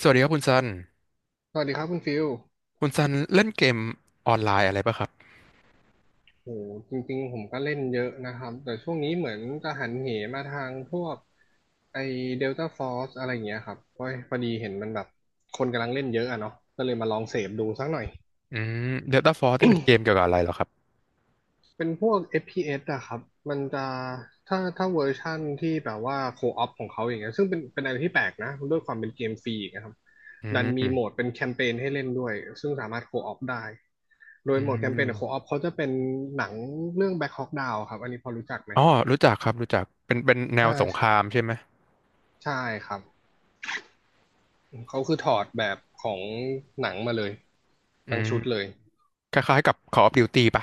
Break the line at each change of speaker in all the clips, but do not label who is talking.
สวัสดีครับคุณซัน
สวัสดีครับคุณฟิล
คุณซันเล่นเกมออนไลน์อะไรป่ะครับ
โอ้จริงๆ ผมก็เล่นเยอะนะครับ แต่ช่วงนี้เหมือนจะหันเหมาทางพวกไอเดลต้าฟอร์สอะไรอย่างเงี้ยครับเพราะพอดีเห็นมันแบบคนกำลังเล่นเยอะอะเนาะก็เลยมาลองเสพดูสักหน่อย
อืม Delta Force นี่เป็นเกมเกี่ยวกับอะไรเหรอครับ
เป็นพวก FPS อฟพีเอสอะครับ มันจะถ้าเวอร์ชั่นที่แบบว่าโคออปของเขาอย่างเงี้ยซึ่งเป็นอะไรที่แปลกนะด้วยความเป็นเกมฟรีอีกนะครับ
อื
ดันมีโหมด
ม
เป็นแคมเปญให้เล่นด้วยซึ่งสามารถโคออปได้ โด
อื
ยโหมดแคมเปญโคออ
ม
ปเขาจะเป็นหนังเรื่อง Black Hawk Down ครับ อันนี้พอรู้จักไหม
อ๋อรู้จักครับรู้จักเป็นแน
อ่
วสงค
า
รามใช่ไหม
ใช่ครับเขาคือถอดแบบของหนังมาเลย
อื
ทั้ง
ม
ชุดเลย
คล้ายๆกับ Call of Duty ป่ะ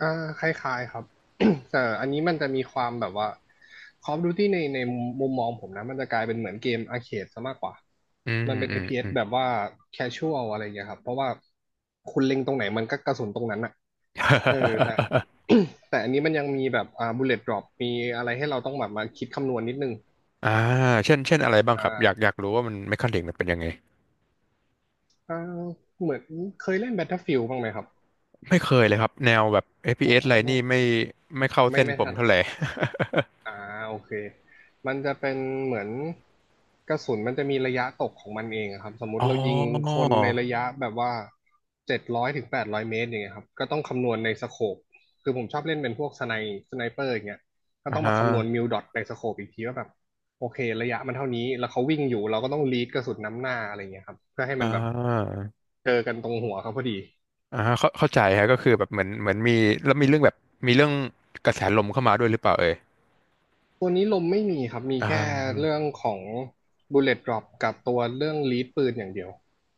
อ่าคล้ายๆครับ แต่อันนี้มันจะมีความแบบว่า Call of Duty ในมุมมองผมนะมันจะกลายเป็นเหมือนเกมอาร์เคดซะมากกว่า
อืม
มันเป็น
อืม
เ p s
อืม
แบบว่า casual อะไรอย่างเงี้ยครับเพราะว่าคุณเล็งตรงไหนมันก็กระสุนตรงนั้นอะเออแต่ แต่อันนี้มันยังมีแบบbullet drop มีอะไรให้เราต้องแบบมาคิดคำนวณนิดนึง
อ่าเช่นอะไรบ้าง
อ่
ครับอยาก
า
อยากรู้ว่ามันเมคานิกมันเป็นยังไง
อ่าเหมือนเคยเล่น Battlefield บ้างไหมครับ
ไม่เคยเลยครับแนวแบบเอฟพี
อ๋
เอสอะ
อ
ไรนี่ไม่ไม่เข้า
ไม่
เส้น
ไม่
ผม
ทัน
เท่าไหร่
อ่าโอเคมันจะเป็นเหมือนกระสุนมันจะมีระยะตกของมันเองอะครับสมมุ ติ
อ๋อ
เรายิงคนในระยะแบบว่าเจ็ดร้อยถึงแปดร้อยเมตรอย่างเงี้ยครับก็ต้องคำนวณในสโคปคือผมชอบเล่นเป็นพวกสไนเปอร์อย่างเงี้ยก็
อ่า
ต้อง
ฮะ
มาคำนวณมิลดอทในสโคปอีกทีว่าแบบโอเคระยะมันเท่านี้แล้วเขาวิ่งอยู่เราก็ต้องลีดกระสุนน้ำหน้าอะไรเงี้ยครับเพื่อให้
อ่
มันแบบ
า
เจอกันตรงหัวเขาพอดี
อ่าฮะเข้าใจฮะก็คือแบบเหมือนมีแล้วมีเรื่องแบบมีเรื่องกระแสลมเข้ามาด้วยหรือเปล่าเอ่ย
ตัวนี้ลมไม่มีครับ มี
อ่
แค่
า
เรื่องของ Bullet Drop กับตัวเรื่องลีดปืนอย่างเดียว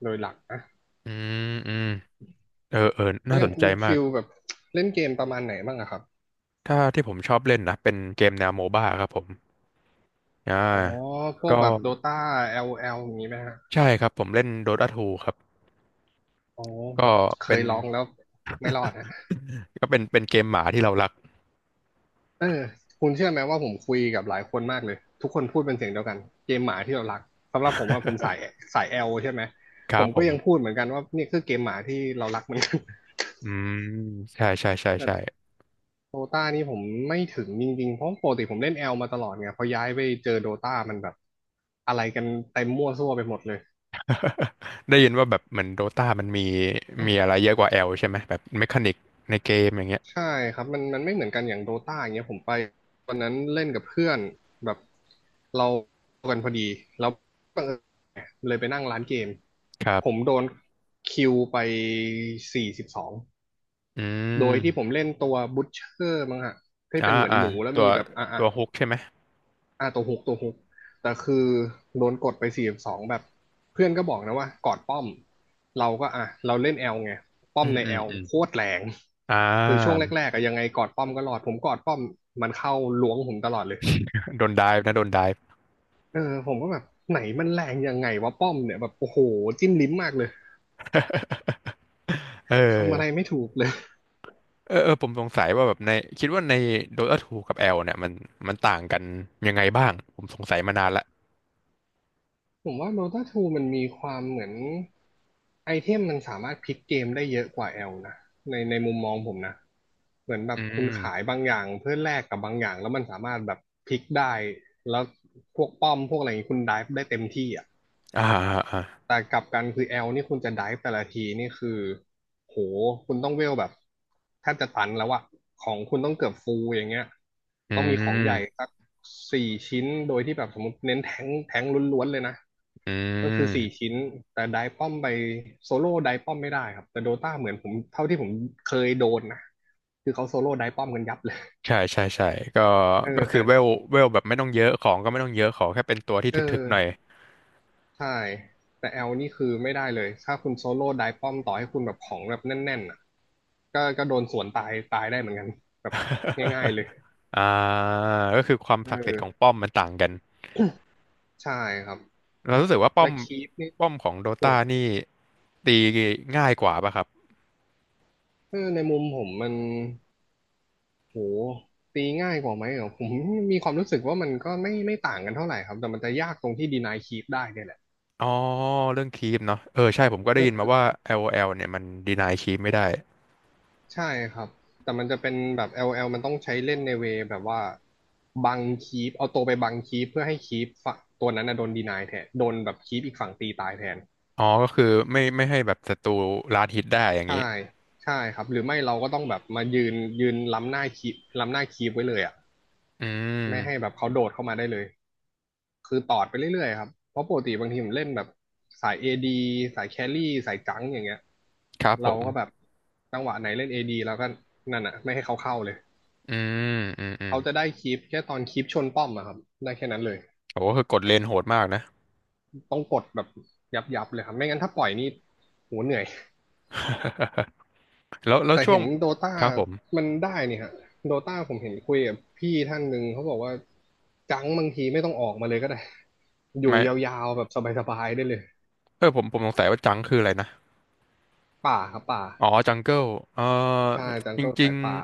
โดยหลักนะ
อืมอืมเออเออ
แล้ว
น่า
อ
ส
ย่าง
น
คุ
ใจ
ณ
มา
ฟิ
ก
ลแบบเล่นเกมประมาณไหนบ้างอะครับ
ถ้าที่ผมชอบเล่นนะเป็นเกมแนวโมบ้าครับผมอ่า
อ๋อพวก
ก็
แบบ Dota LOL อลแอลอย่างนี้ไหมฮะ
ใช่ครับผมเล่น Dota 2ครับ
อ๋อ
ก็
เค
เป็น
ยลองแล้วไม่รอดฮะ
ก็เป็นเกมหมาที่เรารัก
เออคุณเชื่อไหมว่าผมคุยกับหลายคนมากเลย ทุกคนพูดเป็นเสียงเดียวกัน เกมหมาที่เรารัก สำหรับผมว่าผมสา ยสาย L ใช่ไหม
ค
ผ
รับ
ม
ผ
ก็
ม
ยังพูดเหมือนกันว่านี่คือเกมหมาที่เรารักเหมือนกัน
อืมใช่ใช่ใช่ ใช่
เออ โดตานี่ผมไม่ถึงจริงๆ เพราะปกติผมเล่นแอลมาตลอดไงพอย้ายไปเจอโดตามันแบบอะไรกันเต็มมั่วซั่วไปหมดเลย
ได้ยินว่าแบบเหมือนโดตามันมีมีอะไรเยอะกว่าแอลใช่ไหมแบบเมคานิกในเกมอย่างเงี้ ย
ใช่ครับ มันไม่เหมือนกันอย่างโดตาอย่างเงี้ยผมไปวันนั้นเล่นกับเพื่อนแบบเรากันพอดี แล้วบังเอิญเลยไปนั่งร้านเกม
ครับ
ผมโดนคิวไปสี่สิบสอง
อื
โดยที่ผม
ม
เล่นตัวบุชเชอร์มั้งฮะที่
อ่า
เป็นเหมือน
อ่า
หมูแล้ว
ตัว
มีแบบอ่ะ
ตั
อ่ะ
วฮุกใช่ไหม
อ่าตัวฮุกตัวฮุกแต่คือโดนกดไปสี่สองแบบเพื่อนก็บอกนะว่ากอดป้อมเราก็อ่ะเราเล่นแอลไงป้
อื
อม
ม
ใน
อื
แอ
ม
ล
อืม
โคตรแรง
อ่
คือช่วง
า
แรกๆอะยังไงกอดป้อมก็รอดผมกอดป้อมมันเข้าล้วงผมตลอดเลย
โดนไดฟ์นะโดนไดฟ์
เออผมก็แบบไหนมันแรงยังไงวะป้อมเนี่ยแบบโอ้โหจิ้มลิ้มมากเลย
เอ
ทำอะไร
อ
ไม่ถูกเลย
เออเออผมสงสัยว่าแบบในคิดว่าใน Dota ทูกับ L เนี่ยมัน มันต่างกันยังไงบ้างผมสงสัยมานานละ
ผมว่า Dota ทูมันมีความเหมือนไอเทมมันสามารถพลิกเกมได้เยอะกว่า L นะในมุมมองผมนะเหมือนแบ
อื
บคุณขาย
ม
บางอย่างเพื่อแลกกับบางอย่างแล้วมันสามารถแบบพลิกได้แล้วพวกป้อมพวกอะไรอย่างนี้คุณไดฟ์ได้เต็มที่อ่ะ
อ่าอ่าอ่า
แต่กลับกันคือแอลนี่คุณจะไดฟ์แต่ละทีนี่คือโหคุณต้องเวลแบบแทบจะตันแล้วอะของคุณต้องเกือบฟูลอย่างเงี้ย
อื
ต้องมีของใหญ่
ม
สักสี่ชิ้นโดยที่แบบสมมติเน้นแทงค์แทงค์ล้วนๆเลยนะ
อื
ก็คือสี่
ม
ชิ้นแต่ไดฟ์ป้อมไปโซโล่ไดฟ์ป้อมไม่ได้ครับแต่โดตาเหมือนผมเท่าที่ผมเคยโดนนะคือเขาโซโล่ไดฟ์ป้อมกันยับเลย
ใช่ใช่ใช่ก็
เออ
ก็คือ
แต่
เวลเวลแบบไม่ต้องเยอะของก็ไม่ต้องเยอะขอแค่เป็นตัวที่
เอ
ถึกๆหน่อย
อ ใช่แต่แอลนี่คือไม่ได้เลยถ้าคุณโซโล่ไดป้อมต่อให้คุณแบบของแบบแน่นๆอ่ะก็ก็โดนสวนตายตายได้เหมือนกันแบบง่ายๆเลย
อ่าก็คือความ
เอ
ศักดิ์สิทธิ์ข
อ
องป้อมมันต่างกัน
ใช่ครับ
เรารู้สึกว่าป้อ
และ
ม
คีปนี่
ป้อมของโด
โห
ตา
ด
นี่ตีง่ายกว่าป่ะครับ
เออในมุมผมมันโหตีง่ายกว่าไหมเหรอผมมีความรู้สึกว่ามันก็ไม่ต่างกันเท่าไหร่ครับแต่มันจะยากตรงที่ดีนายคีปได้เนี่ยแหละ
อ๋อเรื่องคีปเนาะเออใช่ผมก็ได้ยิน
เออ
มาว่า LOL เนี่ยมันดีนายคีปไม่ได้
ใช่ครับแต่มันจะเป็นแบบ LL มันต้องใช้เล่นในเวย์แบบว่าบังคีปเอาตัวไปบังคีปเพื่อให้คีปฝั่งตัวนั้นนะโดนดีนายแทนโดนแบบคีปอีกฝั่งตีตายแทน
อ๋อก็คือไม่ไม่ให้แบบศัตรูลาดฮิตได้อย่างนี้
ใช่ใช่ครับหรือไม่เราก็ต้องแบบมายืนยืนล้ำหน้าคีปล้ำหน้าคีปไว้เลยอ่ะ
อื
ไม่ให้
ม
แบบเขาโดดเข้ามาได้เลยคือตอดไปเรื่อยๆครับเพราะปกติบางทีผมเล่นแบบสาย AD สายแครี่สายจังอย่างเงี้ย
ครับผ
เรา
ม
ก็แบบจังหวะไหนเล่น AD แล้วก็นั่นอ่ะไม่ให้เขาเข้าเลย
อืมอืมอืม
เขาจะได้คลิปแค่ตอนคลิปชนป้อมอะครับได้แค่นั้นเลย
โอ้คือกดเลนโหดมากนะ
ต้องกดแบบยับๆเลยครับไม่งั้นถ้าปล่อยนี่โหเหนื่อย
แล้วแล้ว
แต่
ช่ว
เห็
ง
นโดตา
ครับผม
มันได้นี่ฮะโดตาผมเห็นคุยกับพี่ท่านหนึ่งเขาบอกว่าจังบางทีไม่ต้องออกมาเลยก็ได้อยู่
ไม่
ยาวๆแบบสบายๆได้เลย
เออผมผมสงสัยว่าจังคืออะไรนะ
ป่าครับป่า
อ๋อจังเกิลเออ
ใช่จัง
จ
ก็
ริ
สา
ง
ยป่า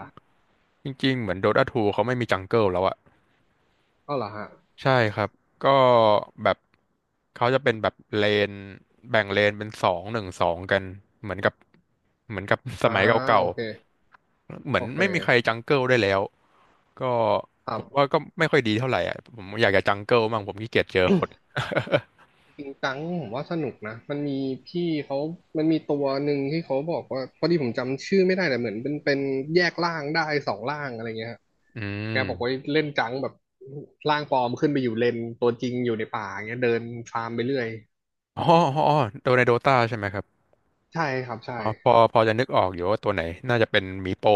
ๆจริงๆเหมือนโดตาูเขาไม่มีจังเกิลแล้วอะ
ก็เหรอฮะ
ใช่ครับก็แบบเขาจะเป็นแบบเลนแบ่งเลนเป็นสองหนึ่งสองกันเหมือนกับเหมือนกับ ส
อ่า
มัยเก่า
โอเค
ๆเหมื
โอ
อน
เค
ไม่มีใครจังเกิลได้แล้วก็
ครั
ผมว่า
บ
ก็ไม่ค่อยดีเท่าไหร่อ่ะผมอยากจะจังเกิลมั่งผมขี้เกียจเจอคน
ปิงกังผมว่าสนุกนะมันมีพี่เขามันมีตัวหนึ่งที่เขาบอกว่าพอดีผมจำชื่อไม่ได้แต่เหมือนเป็นแยกร่างได้สองร่างอะไรเงี้ยฮะ
อื
แกบอกว่า
ม
เล่นจังแบบร่างปลอมขึ้นไปอยู่เลนตัวจริงอยู่ในป่าเงี้ยเดินฟาร์มไปเรื่อย
อ๋ออ๋ออ๋อโดในโดตาใช่ไหมครับ
ใช่ครับใช่
อ๋อพอจะนึกออกอยู่ว่าตัวไหนน่าจะเป็นมีโป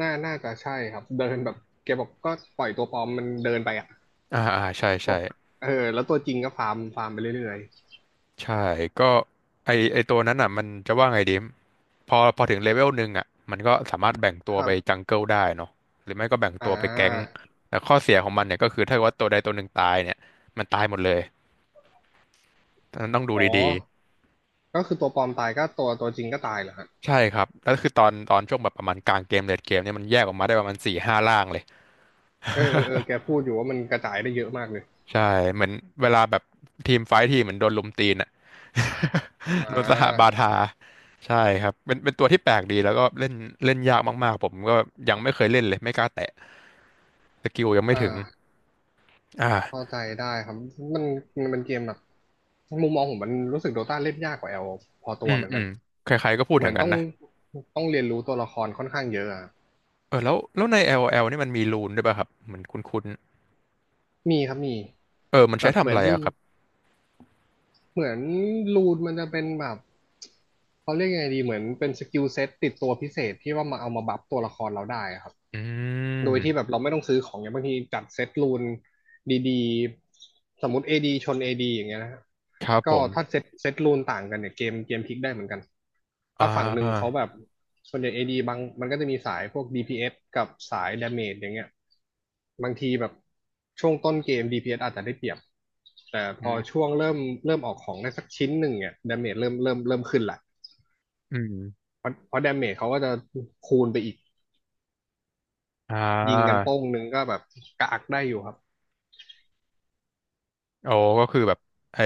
น่าจะใช่ครับเดินแบบแกบอกก็ปล่อยตัวปลอมมันเดินไปอ่ะ
อ่าอ่าใช่
บ
ใช่
อกเออแล้วตัวจริงก็ฟาร์มไปเรื่อย
ใช่ก็ไอไอตัวนั้นอ่ะมันจะว่าไงดีพอถึงเลเวลหนึ่งอ่ะมันก็สามารถแบ่ง
ๆ
ตั
ค
ว
รั
ไป
บ
จังเกิลได้เนาะหรือไม่ก็แบ่ง
อ่
ตัวไปแก๊ง
า
แต่ข้อเสียของมันเนี่ยก็คือถ้าเกิดว่าตัวใดตัวหนึ่งตายเนี่ยมันตายหมดเลยนั้นต้องดู
อ๋อ
ดี
ก็คือตัวปลอมตายก็ตัวจริงก็ตายเหรอฮะ
ๆใช่ครับแล้วคือตอนช่วงแบบประมาณกลางเกมเลดเกมเนี่ยมันแยกออกมาได้ประมาณสี่ห้าล่างเลย
เออแกพูดอยู่ว่ามันกระจายได้เยอะมากเลย
ใช่เหมือนเวลาแบบทีมไฟท์ทีเหมือนโดนลุมตีนอ่ะ
อ่
โดนสหบา
า
ทาใช่ครับเป็นตัวที่แปลกดีแล้วก็เล่นเล่นยากมากๆผมก็ยังไม่เคยเล่นเลยไม่กล้าแตะสกิลยังไม่
อ่
ถึง
าเข้า
อ่า
ใจได้ครับมันมันเป็นเกมแบบมุมมองผมมันรู้สึกโดต้าเล่นยากกว่าแอลพอตั
อื
ว
ม
เหมือน
อื
กั
ม
น
ใครๆก็พูด
เห
อ
มือ
ย่าง
น
นั้
ต้
น
อง
นะ
เรียนรู้ตัวละครค่อนข้างเยอะอะ
เออแล้วแล้วใน LOL นี่มันมีรูนด้วยป่ะครับเหมือนคุ้น
มีครับมี
ๆเออมัน
แต่
ใช้
เห
ทำ
มื
อะ
อน
ไรอะครับ
เหมือนรูนมันจะเป็นแบบเขาเรียกยังไงดีเหมือนเป็นสกิลเซ็ตติดตัวพิเศษที่ว่ามาเอามาบัฟตัวละครเราได้อะครับ
อื
โดยที่แบบ
ม
เราไม่ต้องซื้อของอย่างบางทีจัดเซตรูนดีๆสมมติ AD ชน AD อดีอย่างเงี้ยนะฮะ
ครับผ
ก็
ม
ถ้าเซตรูนต่างกันเนี่ยเกมพลิกได้เหมือนกัน
อ่
ถ้าฝั่งหนึ่งเขา
า
แบบส่วนใหญ่ AD บางมันก็จะมีสายพวก DPS กับสาย Damage อย่างเงี้ยบางทีแบบช่วงต้นเกม DPS อสอาจจะได้เปรียบแต่พ
อื
อ
ม
ช่วงเริ่มเริ่มออกของได้สักชิ้นหนึ่งเนี่ยดาเมจเริ่มขึ้นละ
อืม
เพราะดาเมจเขาก็จะคูณไปอีก
อ่า
ยิงกันโป้งหนึ่งก็แบบกากได้อยู่ครับ
โอ้ก็คือแบบไอ้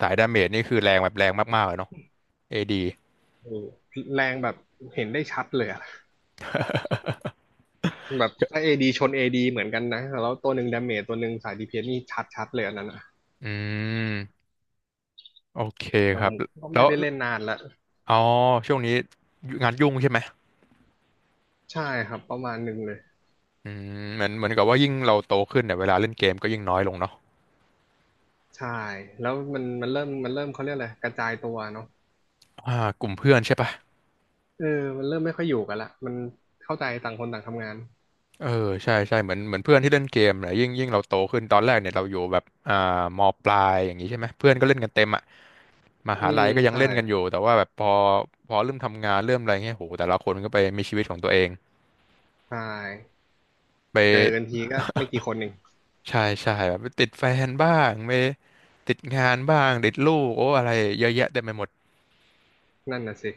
สายดาเมจนี่คือแรงแบบแรงมากๆเลยเนาะ AD อดี
โอ้แรงแบบเห็นได้ชัดเลยอะแบบถ้าเอดีชนเอดีเหมือนกันนะแล้วตัวหนึ่งดาเมจตัวหนึ่งสายดีเพนนี่ชัดเลยอันนั้นอะ
อืมโอเค
แต่
ครั
ผ
บ
มก็
แล้
ไม่
ว
ได้เล่นนานละ
อ๋อช่วงนี้งานยุ่งใช่ไหม
ใช่ครับประมาณหนึ่งเลย
อืมเหมือนเหมือนกับว่ายิ่งเราโตขึ้นเนี่ยเวลาเล่นเกมก็ยิ่งน้อยลงเนาะ
ใช่แล้วมันเริ่มเขาเรียกอะไรกระจายตัวเนาะ
อ่ากลุ่มเพื่อนใช่ปะ
เออมันเริ่มไม่ค่อยอยู่กันละมันเข้าใจต่างคนต่างทำงาน
เออใช่ใช่เหมือนเหมือนเพื่อนที่เล่นเกมเนี่ยยิ่งยิ่งเราโตขึ้นตอนแรกเนี่ยเราอยู่แบบอ่ามปลายอย่างนี้ใช่ไหมเพื่อนก็เล่นกันเต็มอะม
อื
หาลั
ม
ยก็ยัง
ใช่
เล่นกันอยู่แต่ว่าแบบพอพอเริ่มทำงานเริ่มอะไรเงี้ยโหแต่ละคนก็ไปมีชีวิตของตัวเอง
ใช่เจอกัน
ไป
ทีก็ไม่กี่คนเอง
ใช่ใช่แบบติดแฟนบ้างไม่ติดงานบ้างติดลูกโอ้อะไรเยอะแยะเต็มไปหมด
นั่นน่ะสิ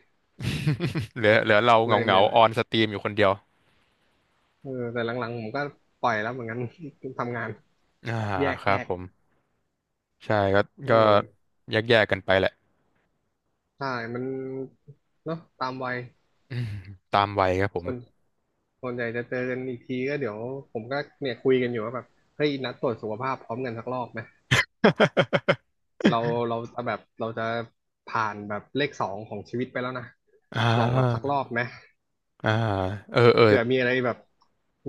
เหลือเหลือเราเห
เล
งา
ย
เหงา
เนี่ยแห
อ
ละ
อนสตรีมอยู่คนเดียว
เออแต่หลังๆผมก็ปล่อยแล้วเหมือนกัน ทำงาน
อ่า
แยก
ค
แย
รับ
ก
ผมใช่ก็
เอ
ก็
อ
แยกแยกกันไปแหละ
ใช่ มันเนาะตามวัย
อืมตามวัยครับผม
ส่ว นส่วนใหญ่จะเจอกันอีกทีก็เดี๋ยวผมก็เนี่ยคุยกันอยู่ว่าแบบเฮ้ยนัดตรวจสุขภาพพร้อมกันสักรอบไหมเราเราจะแบบเราจะผ่านแบบเลขสองของชีวิตไปแล้วนะ
อ่
ลองแบบสั
า
กรอบไหม
อ่าเออเออ
เผื่อมีอะไรแบบ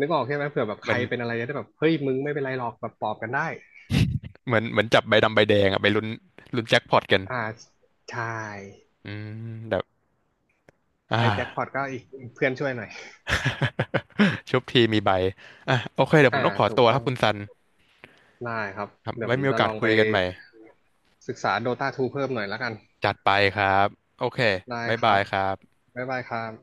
นึกออกใช่ไหมเผื่อแบบ
เห
ใค
มือ
ร
น
เป็นอะไรจะได้แบบเฮ้ยมึงไม่เป็นไรหรอกแบบปลอบกันได้
เหมือนเหมือนจับใบดำใบแดงอะไปลุ้นลุ้นแจ็คพอตกัน
อ่าใช่
อืมแบบอ่า
ไอ้แจ็คพอตก็อีกเพื่อนช่วยหน่อย
ชุบทีมีใบอ่ะโอเคเดี๋ยวผ
อ่า
มต้องขอ
ถูก
ตัวค
ต้อ
รับ
ง
คุณซัน
ได้ครับ
ครับ
เดี๋ยว
ไว้
ผม
มีโอ
จะ
กา
ล
ส
อง
คุ
ไป
ยกันใหม่
ศึกษาโดตาทูเพิ่มหน่อยแล้วกัน
จัดไปครับโอเค
ได้
บ๊าย
ค
บา
รับ
ยครับ
บ๊ายบายครับ